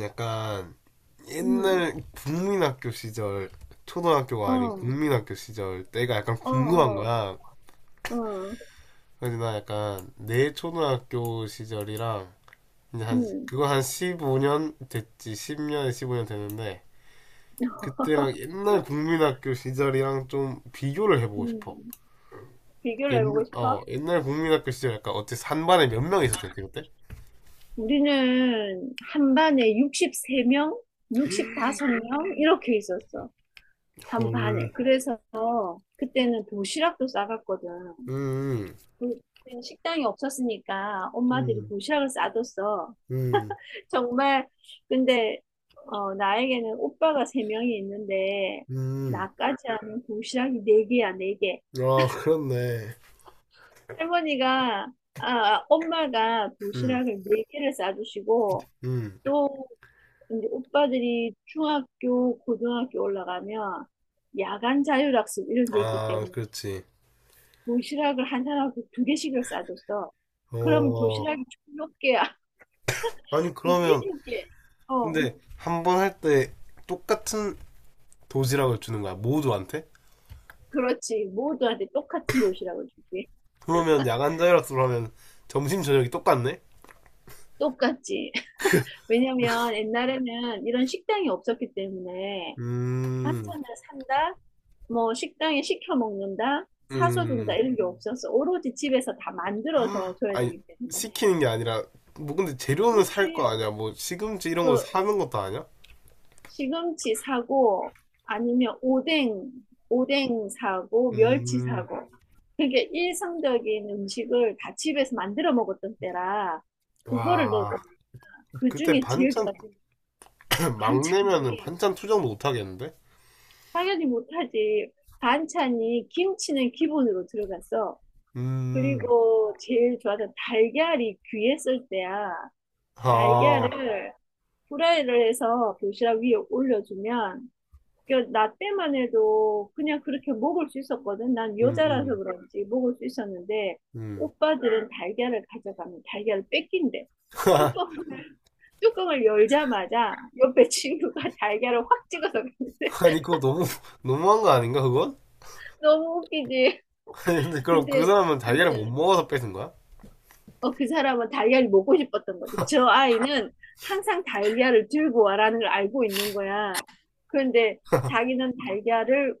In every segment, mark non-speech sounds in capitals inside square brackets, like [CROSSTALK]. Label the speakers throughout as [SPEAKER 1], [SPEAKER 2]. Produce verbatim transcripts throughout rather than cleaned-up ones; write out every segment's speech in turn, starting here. [SPEAKER 1] 약간
[SPEAKER 2] 음.
[SPEAKER 1] 옛날 국민학교 시절
[SPEAKER 2] 어.
[SPEAKER 1] 초등학교가 아닌
[SPEAKER 2] 어.
[SPEAKER 1] 국민학교 시절 때가 약간
[SPEAKER 2] 어.
[SPEAKER 1] 궁금한 거야.
[SPEAKER 2] 어.
[SPEAKER 1] 그래서 나 약간 내 초등학교 시절이랑 이제 한
[SPEAKER 2] 음.
[SPEAKER 1] 그거 한 십오 년 됐지 십 년 십오 년 됐는데 그때랑
[SPEAKER 2] [LAUGHS]
[SPEAKER 1] 옛날 국민학교 시절이랑 좀 비교를 해보고 싶어.
[SPEAKER 2] 음.
[SPEAKER 1] 옛,
[SPEAKER 2] 비교를 해보고 싶어?
[SPEAKER 1] 어, 옛날 국민학교 시절 약간 어째 한 반에 몇 명 있었대 그때?
[SPEAKER 2] 우리는 한 반에 육십삼 명, 육십오 명 이렇게 있었어. 한
[SPEAKER 1] 헐.
[SPEAKER 2] 반에. 그래서 그때는 도시락도 싸갔거든.
[SPEAKER 1] 음,
[SPEAKER 2] 그때는 식당이 없었으니까 엄마들이
[SPEAKER 1] 음,
[SPEAKER 2] 도시락을 싸줬어.
[SPEAKER 1] 음,
[SPEAKER 2] [LAUGHS] 정말. 근데 어, 나에게는 오빠가 세명이 있는데
[SPEAKER 1] 음.
[SPEAKER 2] 나까지 하면 도시락이 네개야네개
[SPEAKER 1] 아, 그렇네.
[SPEAKER 2] 할머니가, 아, 엄마가
[SPEAKER 1] 음.
[SPEAKER 2] 도시락을 네 개를 싸주시고,
[SPEAKER 1] 음.
[SPEAKER 2] 또 이제 오빠들이 중학교, 고등학교 올라가면 야간 자율학습 이런 게 있기
[SPEAKER 1] 아,
[SPEAKER 2] 때문에
[SPEAKER 1] 그렇지.
[SPEAKER 2] 도시락을 한 사람한테 두 개씩을 싸줬어. 그럼
[SPEAKER 1] 어.
[SPEAKER 2] 도시락이 총 몇 개야?
[SPEAKER 1] 아니,
[SPEAKER 2] [LAUGHS]
[SPEAKER 1] 그러면,
[SPEAKER 2] 일곱 개. 어,
[SPEAKER 1] 근데, 한 번 할 때, 똑같은 도시락을 주는 거야, 모두한테?
[SPEAKER 2] 그렇지. 모두한테 똑같은 도시락을 줄게.
[SPEAKER 1] 그러면, 야간 자율학습을 하면, 점심, 저녁이 똑같네?
[SPEAKER 2] 똑같지. [LAUGHS] 왜냐면 옛날에는 이런 식당이 없었기 때문에
[SPEAKER 1] 음,
[SPEAKER 2] 반찬을 산다? 뭐 식당에 시켜 먹는다, 사서 준다
[SPEAKER 1] 음.
[SPEAKER 2] 이런 게 없어서 오로지 집에서 다 만들어서
[SPEAKER 1] [GASPS]
[SPEAKER 2] 줘야
[SPEAKER 1] 아니,
[SPEAKER 2] 되기 때문에.
[SPEAKER 1] 시키는 게 아니라, 뭐, 근데 재료는 살 거
[SPEAKER 2] 그렇지.
[SPEAKER 1] 아니야? 뭐, 시금치 이런 거
[SPEAKER 2] 그
[SPEAKER 1] 사는 것도 아니야?
[SPEAKER 2] 시금치 사고 아니면 오뎅, 오뎅 사고 멸치
[SPEAKER 1] 음,
[SPEAKER 2] 사고. 그게 일상적인 음식을 다 집에서 만들어 먹었던 때라 그거를
[SPEAKER 1] 와.
[SPEAKER 2] 넣어그
[SPEAKER 1] 그때
[SPEAKER 2] 중에 제일
[SPEAKER 1] 반찬,
[SPEAKER 2] 좋았던 게
[SPEAKER 1] [CLEARS THROAT] 막내면은
[SPEAKER 2] 반찬이
[SPEAKER 1] 반찬 투정도 못 하겠는데?
[SPEAKER 2] 당연히 못하지. 반찬이 김치는 기본으로 들어갔어.
[SPEAKER 1] 음,
[SPEAKER 2] 그리고 제일 좋아하는 달걀이 귀했을 때야.
[SPEAKER 1] 아,
[SPEAKER 2] 달걀을 후라이를 해서 도시락 위에 올려주면 그 나 때만 해도 그냥 그렇게 먹을 수 있었거든. 난
[SPEAKER 1] 음,
[SPEAKER 2] 여자라서
[SPEAKER 1] 음,
[SPEAKER 2] 그런지 먹을 수 있었는데
[SPEAKER 1] 음.
[SPEAKER 2] 오빠들은 달걀을 가져가면 달걀을 뺏긴대.
[SPEAKER 1] [LAUGHS]
[SPEAKER 2] 뚜껑, 뚜껑을 열자마자 옆에 친구가 [LAUGHS] 달걀을 확 찍어서 갔는데
[SPEAKER 1] 아니 그거 너무 너무한 거 아닌가 그건?
[SPEAKER 2] [LAUGHS] 너무 웃기지.
[SPEAKER 1] [LAUGHS] 아니 근데 그럼 그
[SPEAKER 2] 근데
[SPEAKER 1] 사람은 달걀을
[SPEAKER 2] 진짜
[SPEAKER 1] 못 먹어서 뺏은 거야?
[SPEAKER 2] 어, 그 사람은 달걀이 먹고 싶었던 거지. 저 아이는 항상 달걀을 들고 와라는 걸 알고 있는 거야. 그런데 자기는 달걀을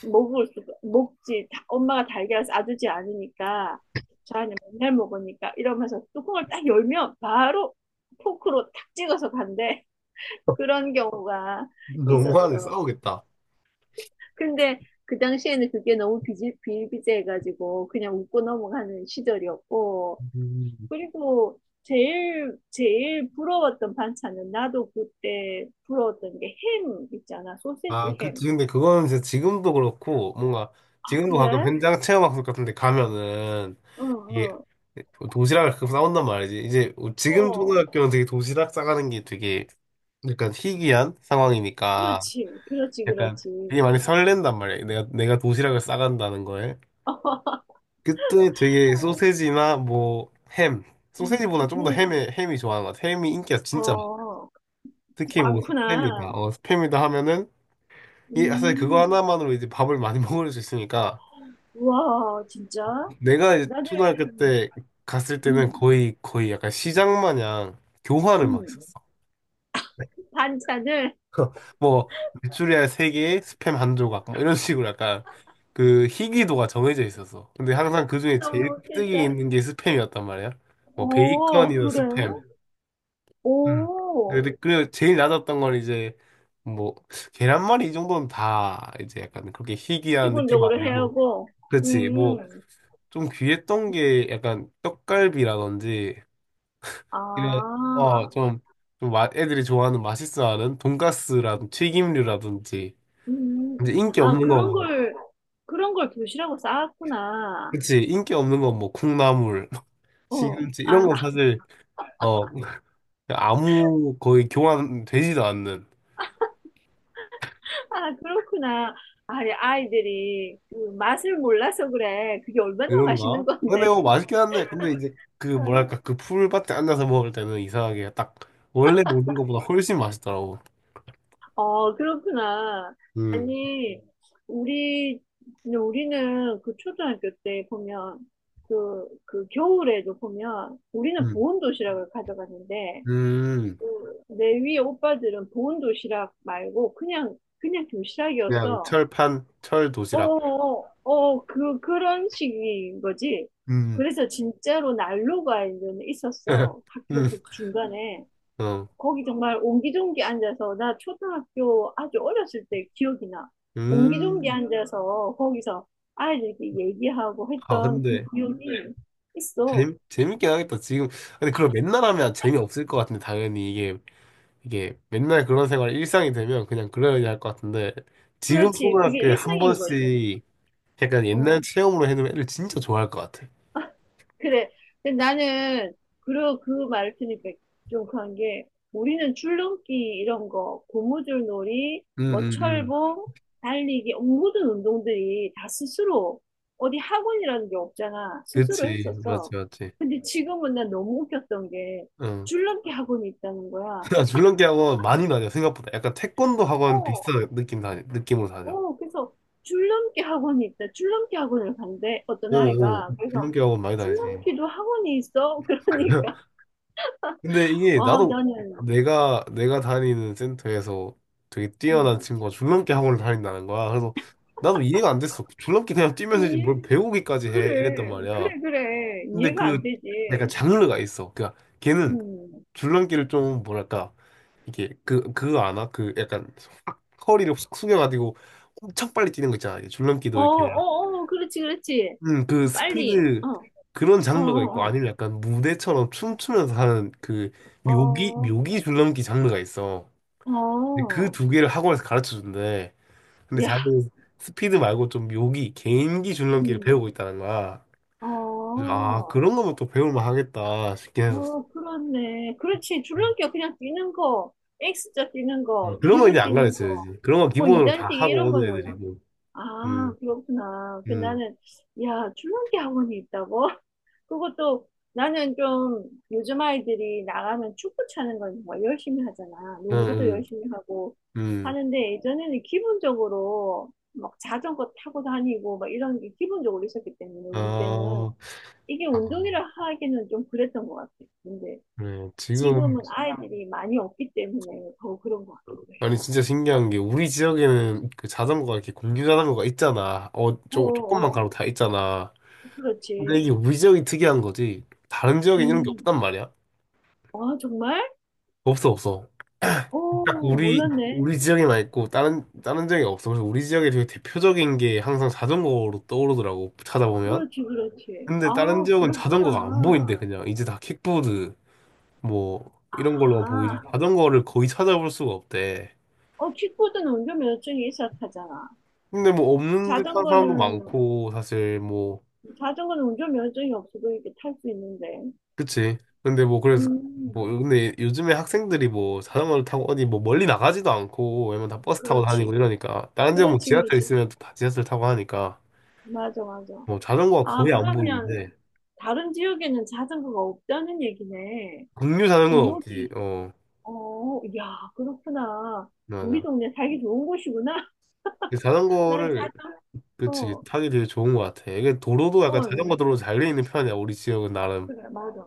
[SPEAKER 2] 먹을 수, 먹지. 다- 엄마가 달걀을 싸주지 않으니까, 저 아이는 맨날 먹으니까 이러면서 뚜껑을 딱 열면 바로 포크로 탁 찍어서 간대. [LAUGHS] 그런 경우가
[SPEAKER 1] 너무하네.
[SPEAKER 2] 있었어.
[SPEAKER 1] 싸우겠다.
[SPEAKER 2] 근데 그 당시에는 그게 너무 비지, 비일비재해가지고 그냥 웃고 넘어가는 시절이었고,
[SPEAKER 1] 음,
[SPEAKER 2] 그리고 제일, 제일 부러웠던 반찬은 나도 그때 부러웠던 게 햄 있잖아.
[SPEAKER 1] 아
[SPEAKER 2] 소세지 햄.
[SPEAKER 1] 그치. 근데 그거는 진짜 지금도 그렇고 뭔가
[SPEAKER 2] 아,
[SPEAKER 1] 지금도 가끔
[SPEAKER 2] 그래?
[SPEAKER 1] 현장 체험학습 같은데 가면은
[SPEAKER 2] 응,
[SPEAKER 1] 이게
[SPEAKER 2] 응.
[SPEAKER 1] 도시락을 가끔 싸운단 말이지. 이제 지금
[SPEAKER 2] 어,
[SPEAKER 1] 초등학교는 되게 도시락 싸가는 게 되게 약간 희귀한 상황이니까
[SPEAKER 2] 그렇지. 그렇지,
[SPEAKER 1] 약간
[SPEAKER 2] 그렇지.
[SPEAKER 1] 되게 많이 설렌단 말이야. 내가 내가 도시락을 싸간다는 거에. 그때 되게
[SPEAKER 2] [LAUGHS]
[SPEAKER 1] 소세지나 뭐 햄, 소세지보다
[SPEAKER 2] 음,
[SPEAKER 1] 좀 더 햄에
[SPEAKER 2] 음.
[SPEAKER 1] 햄이 좋아하는 것 같아. 햄이 인기가 진짜 많아.
[SPEAKER 2] 어,
[SPEAKER 1] 특히 뭐 스팸이다,
[SPEAKER 2] 많구나.
[SPEAKER 1] 어, 스팸이다 하면은 이 사실 그거
[SPEAKER 2] 음,
[SPEAKER 1] 하나만으로 이제 밥을 많이 [LAUGHS] 먹을 수 있으니까
[SPEAKER 2] 와, 진짜?
[SPEAKER 1] 내가 이제
[SPEAKER 2] 나는,
[SPEAKER 1] 초등학교 때 갔을 때는
[SPEAKER 2] 음,
[SPEAKER 1] 거의 거의 약간 시장 마냥 교환을 막
[SPEAKER 2] 음.
[SPEAKER 1] 했었어.
[SPEAKER 2] 반찬을
[SPEAKER 1] [LAUGHS] 뭐 메추리알 세개에 스팸 한 조각 뭐 이런 식으로 약간 그 희귀도가 정해져 있었어. 근데 항상 그 중에 제일
[SPEAKER 2] 너무
[SPEAKER 1] 뜨기
[SPEAKER 2] 괜찮아.
[SPEAKER 1] 있는 게 스팸이었단 말이야. 뭐
[SPEAKER 2] 어,
[SPEAKER 1] 베이컨이나
[SPEAKER 2] 그래?
[SPEAKER 1] 스팸. 음.
[SPEAKER 2] 오,
[SPEAKER 1] 근데 그래 제일 낮았던 건 이제 뭐 계란말이 이 정도는 다 이제 약간 그렇게 희귀한 느낌
[SPEAKER 2] 기본적으로 해야
[SPEAKER 1] 아니고.
[SPEAKER 2] 하고,
[SPEAKER 1] 그렇지
[SPEAKER 2] 음.
[SPEAKER 1] 뭐. 좀 귀했던 게 약간 떡갈비라든지 이런
[SPEAKER 2] 아,
[SPEAKER 1] 어좀 좀 마- 애들이 좋아하는 맛있어하는 돈가스라든지 튀김류라든지
[SPEAKER 2] 음, 음.
[SPEAKER 1] 이제 인기
[SPEAKER 2] 아,
[SPEAKER 1] 없는 거
[SPEAKER 2] 그런
[SPEAKER 1] 뭐.
[SPEAKER 2] 걸, 그런 걸 도시라고 쌓았구나.
[SPEAKER 1] 그치 인기 없는 건 뭐 콩나물. [LAUGHS]
[SPEAKER 2] 어,
[SPEAKER 1] 시금치
[SPEAKER 2] 아,
[SPEAKER 1] 이런 건
[SPEAKER 2] 나-
[SPEAKER 1] 사실 어 아무 거의 교환되지도 않는.
[SPEAKER 2] [LAUGHS] 아, 그렇구나. 아, 이 아이들이 그 맛을 몰라서 그래. 그게 얼마나 맛있는
[SPEAKER 1] 그런가? 근데
[SPEAKER 2] 건데.
[SPEAKER 1] 뭐 맛있긴 한데, 근데 이제 그 뭐랄까,
[SPEAKER 2] [LAUGHS]
[SPEAKER 1] 그 풀밭에 앉아서 먹을 때는 이상하게 딱 원래 먹는 것보다 훨씬 맛있더라고.
[SPEAKER 2] 어, 그렇구나.
[SPEAKER 1] 음,
[SPEAKER 2] 아니, 우리, 우리는 그 초등학교 때 보면, 그, 그 겨울에도 보면, 우리는
[SPEAKER 1] 음,
[SPEAKER 2] 보온 도시락을 가져갔는데,
[SPEAKER 1] 음.
[SPEAKER 2] 그, 내 위에 오빠들은 보온 도시락 말고 그냥 그냥
[SPEAKER 1] 그냥
[SPEAKER 2] 도시락이어서
[SPEAKER 1] 철판, 철 도시락.
[SPEAKER 2] 어어어 그 그런 식인 거지.
[SPEAKER 1] 음,
[SPEAKER 2] 그래서 진짜로 난로가 이제는 있었어.
[SPEAKER 1] [LAUGHS] 음,
[SPEAKER 2] 학교 그 중간에
[SPEAKER 1] 어,
[SPEAKER 2] 거기 정말 옹기종기 앉아서 나 초등학교 아주 어렸을 때 기억이 나. 옹기종기
[SPEAKER 1] 음.
[SPEAKER 2] 앉아서 거기서 아이들끼리 얘기하고
[SPEAKER 1] 아,
[SPEAKER 2] 했던 그
[SPEAKER 1] 근데
[SPEAKER 2] 기억이 있어.
[SPEAKER 1] 재밌, 재밌긴 하겠다. 지금, 근데 그걸 맨날 하면 재미없을 것 같은데, 당연히 이게, 이게 맨날 그런 생활 일상이 되면 그냥 그래야 할것 같은데, 지금
[SPEAKER 2] 그렇지. 그게
[SPEAKER 1] 초등학교에 한
[SPEAKER 2] 일상인 거지.
[SPEAKER 1] 번씩 약간 옛날
[SPEAKER 2] 어.
[SPEAKER 1] 체험으로 해놓으면 애들 진짜 좋아할 것 같아.
[SPEAKER 2] 그래. 근데 나는 그러 그 말을 들으니까 좀 그런 게 우리는 줄넘기 이런 거, 고무줄 놀이, 뭐
[SPEAKER 1] 응응응.
[SPEAKER 2] 철봉, 달리기 모든 운동들이 다 스스로 어디 학원이라는 게 없잖아. 스스로
[SPEAKER 1] 그치 맞지
[SPEAKER 2] 했었어.
[SPEAKER 1] 맞지.
[SPEAKER 2] 근데 지금은 난 너무 웃겼던 게
[SPEAKER 1] 응.
[SPEAKER 2] 줄넘기 학원이 있다는 거야.
[SPEAKER 1] [LAUGHS] 아, 줄넘기 학원 많이 다녀. 생각보다 약간 태권도 학원
[SPEAKER 2] 어,
[SPEAKER 1] 비슷한 느낌 다 느낌으로 다녀.
[SPEAKER 2] 어, 그래서 줄넘기 학원이 있다. 줄넘기 학원을 간대. 어떤
[SPEAKER 1] 어어
[SPEAKER 2] 아이가. 그래서
[SPEAKER 1] 줄넘기 학원 많이 다니지.
[SPEAKER 2] 줄넘기도 학원이 있어? [LAUGHS] 그러니까.
[SPEAKER 1] [LAUGHS] 근데 이게
[SPEAKER 2] 와,
[SPEAKER 1] 나도
[SPEAKER 2] 나는,
[SPEAKER 1] 내가 내가 다니는 센터에서 되게
[SPEAKER 2] 음.
[SPEAKER 1] 뛰어난 친구가 줄넘기 학원을 다닌다는 거야. 그래서 나도 이해가 안 됐어. 줄넘기 그냥 뛰면서 이제
[SPEAKER 2] 이,
[SPEAKER 1] 뭘 배우기까지 해 이랬단
[SPEAKER 2] 그래,
[SPEAKER 1] 말이야.
[SPEAKER 2] 그래, 그래.
[SPEAKER 1] 근데
[SPEAKER 2] 이해가 안
[SPEAKER 1] 그
[SPEAKER 2] 되지.
[SPEAKER 1] 약간 장르가 있어 그니까 걔는
[SPEAKER 2] 음.
[SPEAKER 1] 줄넘기를 좀 뭐랄까 이게 그 그거 아나? 그 약간 확 허리를 확 숙여가지고 엄청 빨리 뛰는 거 있잖아. 이게
[SPEAKER 2] 어,
[SPEAKER 1] 줄넘기도 이렇게
[SPEAKER 2] 어, 어, 그렇지, 그렇지.
[SPEAKER 1] 음 그
[SPEAKER 2] 빨리.
[SPEAKER 1] 스피드
[SPEAKER 2] 어,
[SPEAKER 1] 그런
[SPEAKER 2] 어,
[SPEAKER 1] 장르가 있고
[SPEAKER 2] 어,
[SPEAKER 1] 아니면 약간 무대처럼 춤추면서 하는 그 묘기
[SPEAKER 2] 어,
[SPEAKER 1] 묘기 줄넘기 장르가 있어.
[SPEAKER 2] 어,
[SPEAKER 1] 근데 그
[SPEAKER 2] 어.
[SPEAKER 1] 두 개를 학원에서 가르쳐 준대. 근데
[SPEAKER 2] 야,
[SPEAKER 1] 자기는 스피드 말고 좀 묘기 개인기 줄넘기를
[SPEAKER 2] 음.
[SPEAKER 1] 배우고 있다는 거야. 그래서
[SPEAKER 2] 어,
[SPEAKER 1] 아 그런 거면 또 배울만 하겠다 싶긴 했었어.
[SPEAKER 2] 어, 그렇네. 그렇지.
[SPEAKER 1] 음.
[SPEAKER 2] 줄넘기가 그냥 뛰는 거, X자 뛰는
[SPEAKER 1] 어,
[SPEAKER 2] 거,
[SPEAKER 1] 그런 거
[SPEAKER 2] 뒤로
[SPEAKER 1] 이제 안
[SPEAKER 2] 뛰는 거,
[SPEAKER 1] 가르쳐야지. 그런 거
[SPEAKER 2] 뭐
[SPEAKER 1] 기본으로 다
[SPEAKER 2] 이단뛰기
[SPEAKER 1] 하고
[SPEAKER 2] 이런
[SPEAKER 1] 오는
[SPEAKER 2] 거는.
[SPEAKER 1] 애들이고.
[SPEAKER 2] 아,
[SPEAKER 1] 음,
[SPEAKER 2] 그렇구나. 그
[SPEAKER 1] 음.
[SPEAKER 2] 나는, 야, 줄넘기 학원이 있다고? 그것도 나는 좀 요즘 아이들이 나가면 축구 차는 걸 정말 열심히 하잖아.
[SPEAKER 1] 응,
[SPEAKER 2] 농구도
[SPEAKER 1] 응,
[SPEAKER 2] 열심히 하고
[SPEAKER 1] 응.
[SPEAKER 2] 하는데 예전에는 기본적으로 막 자전거 타고 다니고 막 이런 게 기본적으로 있었기 때문에 우리 때는
[SPEAKER 1] 아,
[SPEAKER 2] 이게
[SPEAKER 1] 아,
[SPEAKER 2] 운동이라 하기는 좀 그랬던 것 같아. 근데
[SPEAKER 1] 그래. 지금,
[SPEAKER 2] 지금은 아이들이 많이 없기 때문에 더 그런 것 같기도 해.
[SPEAKER 1] 아니, 진짜 신기한 게, 우리 지역에는 그 자전거가 이렇게 공유 자전거가 있잖아. 어,
[SPEAKER 2] 어,
[SPEAKER 1] 조, 조금만 가로
[SPEAKER 2] 어,
[SPEAKER 1] 다 있잖아. 근데
[SPEAKER 2] 그렇지.
[SPEAKER 1] 이게 우리 지역이 특이한 거지. 다른 지역엔 이런 게
[SPEAKER 2] 음.
[SPEAKER 1] 없단 말이야.
[SPEAKER 2] 아, 정말?
[SPEAKER 1] 없어, 없어. 딱
[SPEAKER 2] 오,
[SPEAKER 1] 우리,
[SPEAKER 2] 몰랐네.
[SPEAKER 1] 우리 지역에만 있고, 다른, 다른 지역에 없어. 그래서 우리 지역에 되게 대표적인 게 항상 자전거로 떠오르더라고, 찾아보면.
[SPEAKER 2] 그렇지, 그렇지.
[SPEAKER 1] 근데 다른
[SPEAKER 2] 아,
[SPEAKER 1] 지역은 자전거가 안
[SPEAKER 2] 그렇구나.
[SPEAKER 1] 보인대, 그냥. 이제 다 킥보드. 뭐 이런 걸로만 보이지
[SPEAKER 2] 아,
[SPEAKER 1] 자전거를 거의 찾아볼 수가 없대.
[SPEAKER 2] 어, 킥보드는 운전면허증이 있어야 타잖아.
[SPEAKER 1] 근데 뭐 없는 듯 하는 사람도
[SPEAKER 2] 자전거는,
[SPEAKER 1] 많고 사실 뭐
[SPEAKER 2] 자전거는 운전면허증이 없어도 이렇게 탈 수 있는데.
[SPEAKER 1] 그치. 근데 뭐 그래서 뭐
[SPEAKER 2] 음,
[SPEAKER 1] 근데 요즘에 학생들이 뭐 자전거를 타고 어디 뭐 멀리 나가지도 않고 왜냐면 다 버스 타고 다니고
[SPEAKER 2] 그렇지.
[SPEAKER 1] 이러니까 다른 지역 뭐
[SPEAKER 2] 그렇지,
[SPEAKER 1] 지하철
[SPEAKER 2] 그렇지.
[SPEAKER 1] 있으면 또 다 지하철 타고 하니까
[SPEAKER 2] 맞아, 맞아.
[SPEAKER 1] 뭐 자전거가
[SPEAKER 2] 아,
[SPEAKER 1] 거의 안
[SPEAKER 2] 그러면
[SPEAKER 1] 보이는데
[SPEAKER 2] 다른 지역에는 자전거가 없다는 얘기네.
[SPEAKER 1] 국류 자전거는
[SPEAKER 2] 그럼
[SPEAKER 1] 없지.
[SPEAKER 2] 여기,
[SPEAKER 1] 어
[SPEAKER 2] 어, 야, 그렇구나. 우리
[SPEAKER 1] 맞아.
[SPEAKER 2] 동네 살기 좋은 곳이구나.
[SPEAKER 1] 그
[SPEAKER 2] [LAUGHS] 난 자,
[SPEAKER 1] 자전거를 그치
[SPEAKER 2] 어,
[SPEAKER 1] 타기 되게 좋은 것 같아. 이게 도로도 약간 자전거
[SPEAKER 2] 어,
[SPEAKER 1] 도로 잘 돼 있는 편이야 우리 지역은 나름.
[SPEAKER 2] 그래, 맞아.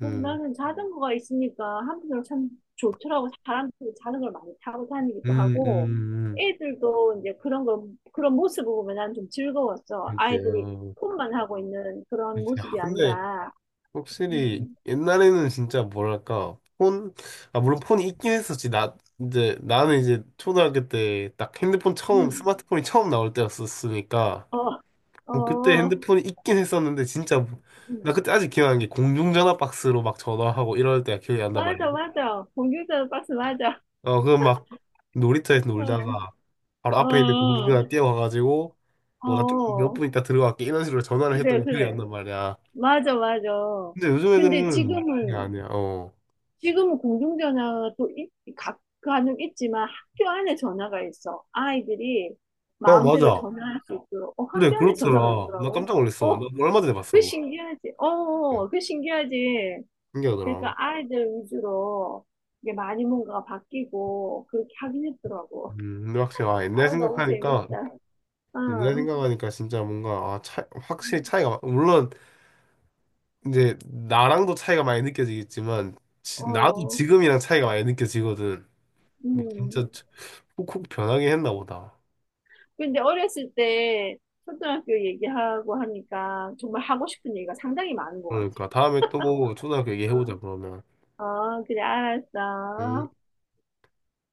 [SPEAKER 2] 그래서
[SPEAKER 1] 음.
[SPEAKER 2] 나는 자전거가 있으니까 한편으로 참 좋더라고. 사람들이 자전거를 많이 타고 다니기도
[SPEAKER 1] 음,
[SPEAKER 2] 하고,
[SPEAKER 1] 음,
[SPEAKER 2] 애들도 이제 그런 걸, 그런 모습을 보면 난 좀 즐거웠어.
[SPEAKER 1] 음.
[SPEAKER 2] 아이들이
[SPEAKER 1] 그때요.
[SPEAKER 2] 폰만 하고 있는 그런
[SPEAKER 1] 그때. 아,
[SPEAKER 2] 모습이
[SPEAKER 1] 근데
[SPEAKER 2] 아니라,
[SPEAKER 1] 확실히
[SPEAKER 2] 음,
[SPEAKER 1] 옛날에는 진짜 뭐랄까 폰, 아 물론 폰이 있긴 했었지. 나 이제 나는 이제 초등학교 때 딱 핸드폰 처음
[SPEAKER 2] 음,
[SPEAKER 1] 스마트폰이 처음 나올 때였었으니까
[SPEAKER 2] 어,
[SPEAKER 1] 어, 그때
[SPEAKER 2] 어,
[SPEAKER 1] 핸드폰이 있긴 했었는데 진짜 뭐, 나
[SPEAKER 2] 음.
[SPEAKER 1] 그때 아직 기억나는 게 공중전화 박스로 막 전화하고 이럴 때가 기억이 난단
[SPEAKER 2] 맞아,
[SPEAKER 1] 말이야.
[SPEAKER 2] 맞아. 공중전 박스 맞아.
[SPEAKER 1] 어, 그거 막 놀이터에서 놀다가 바로
[SPEAKER 2] 어,
[SPEAKER 1] 앞에 있는 공중전화
[SPEAKER 2] 어,
[SPEAKER 1] 뛰어가가지고 뭐 나 좀 몇
[SPEAKER 2] 어,
[SPEAKER 1] 분 있다 들어갈게 이런 식으로 전화를 했던
[SPEAKER 2] 그래,
[SPEAKER 1] 게 기억이 안
[SPEAKER 2] 그래.
[SPEAKER 1] 난 말이야.
[SPEAKER 2] 맞아, 맞아.
[SPEAKER 1] 근데 요즘
[SPEAKER 2] 근데
[SPEAKER 1] 애들은 그게
[SPEAKER 2] 지금은,
[SPEAKER 1] 아니야. 어.
[SPEAKER 2] 지금은 공중전화도 있, 각, 간혹 있지만 학교 안에 전화가 있어. 아이들이
[SPEAKER 1] 어,
[SPEAKER 2] 마음대로
[SPEAKER 1] 맞아.
[SPEAKER 2] 전화할 수 있도록. 어,
[SPEAKER 1] 그래,
[SPEAKER 2] 학교 안에 전화가
[SPEAKER 1] 그렇더라. 나 깜짝
[SPEAKER 2] 있더라고.
[SPEAKER 1] 놀랐어.
[SPEAKER 2] 어,
[SPEAKER 1] 나 얼마 전에
[SPEAKER 2] 그
[SPEAKER 1] 봤어.
[SPEAKER 2] 신기하지.
[SPEAKER 1] 그
[SPEAKER 2] 어, 그 신기하지.
[SPEAKER 1] 신기하더라.
[SPEAKER 2] 그러니까 아이들 위주로 이게 많이 뭔가 바뀌고 그렇게 하긴 했더라고.
[SPEAKER 1] 음, 근데 확실히, 아, 옛날
[SPEAKER 2] 아유, 너무
[SPEAKER 1] 생각하니까,
[SPEAKER 2] 재밌다.
[SPEAKER 1] 옛날
[SPEAKER 2] 어,
[SPEAKER 1] 생각하니까 진짜 뭔가, 아, 차, 확실히 차이가, 물론, 이제, 나랑도 차이가 많이 느껴지겠지만, 지- 나도
[SPEAKER 2] 어,
[SPEAKER 1] 지금이랑 차이가 많이 느껴지거든.
[SPEAKER 2] 음.
[SPEAKER 1] 진짜 훅훅 변하게 했나 보다.
[SPEAKER 2] 근데 어렸을 때 초등학교 얘기하고 하니까 정말 하고 싶은 얘기가 상당히 많은 것 같아.
[SPEAKER 1] 그러니까, 다음에 또 초등학교 얘기해보자,
[SPEAKER 2] 어.
[SPEAKER 1] 그러면.
[SPEAKER 2] 어, 그래,
[SPEAKER 1] 음.
[SPEAKER 2] 알았어.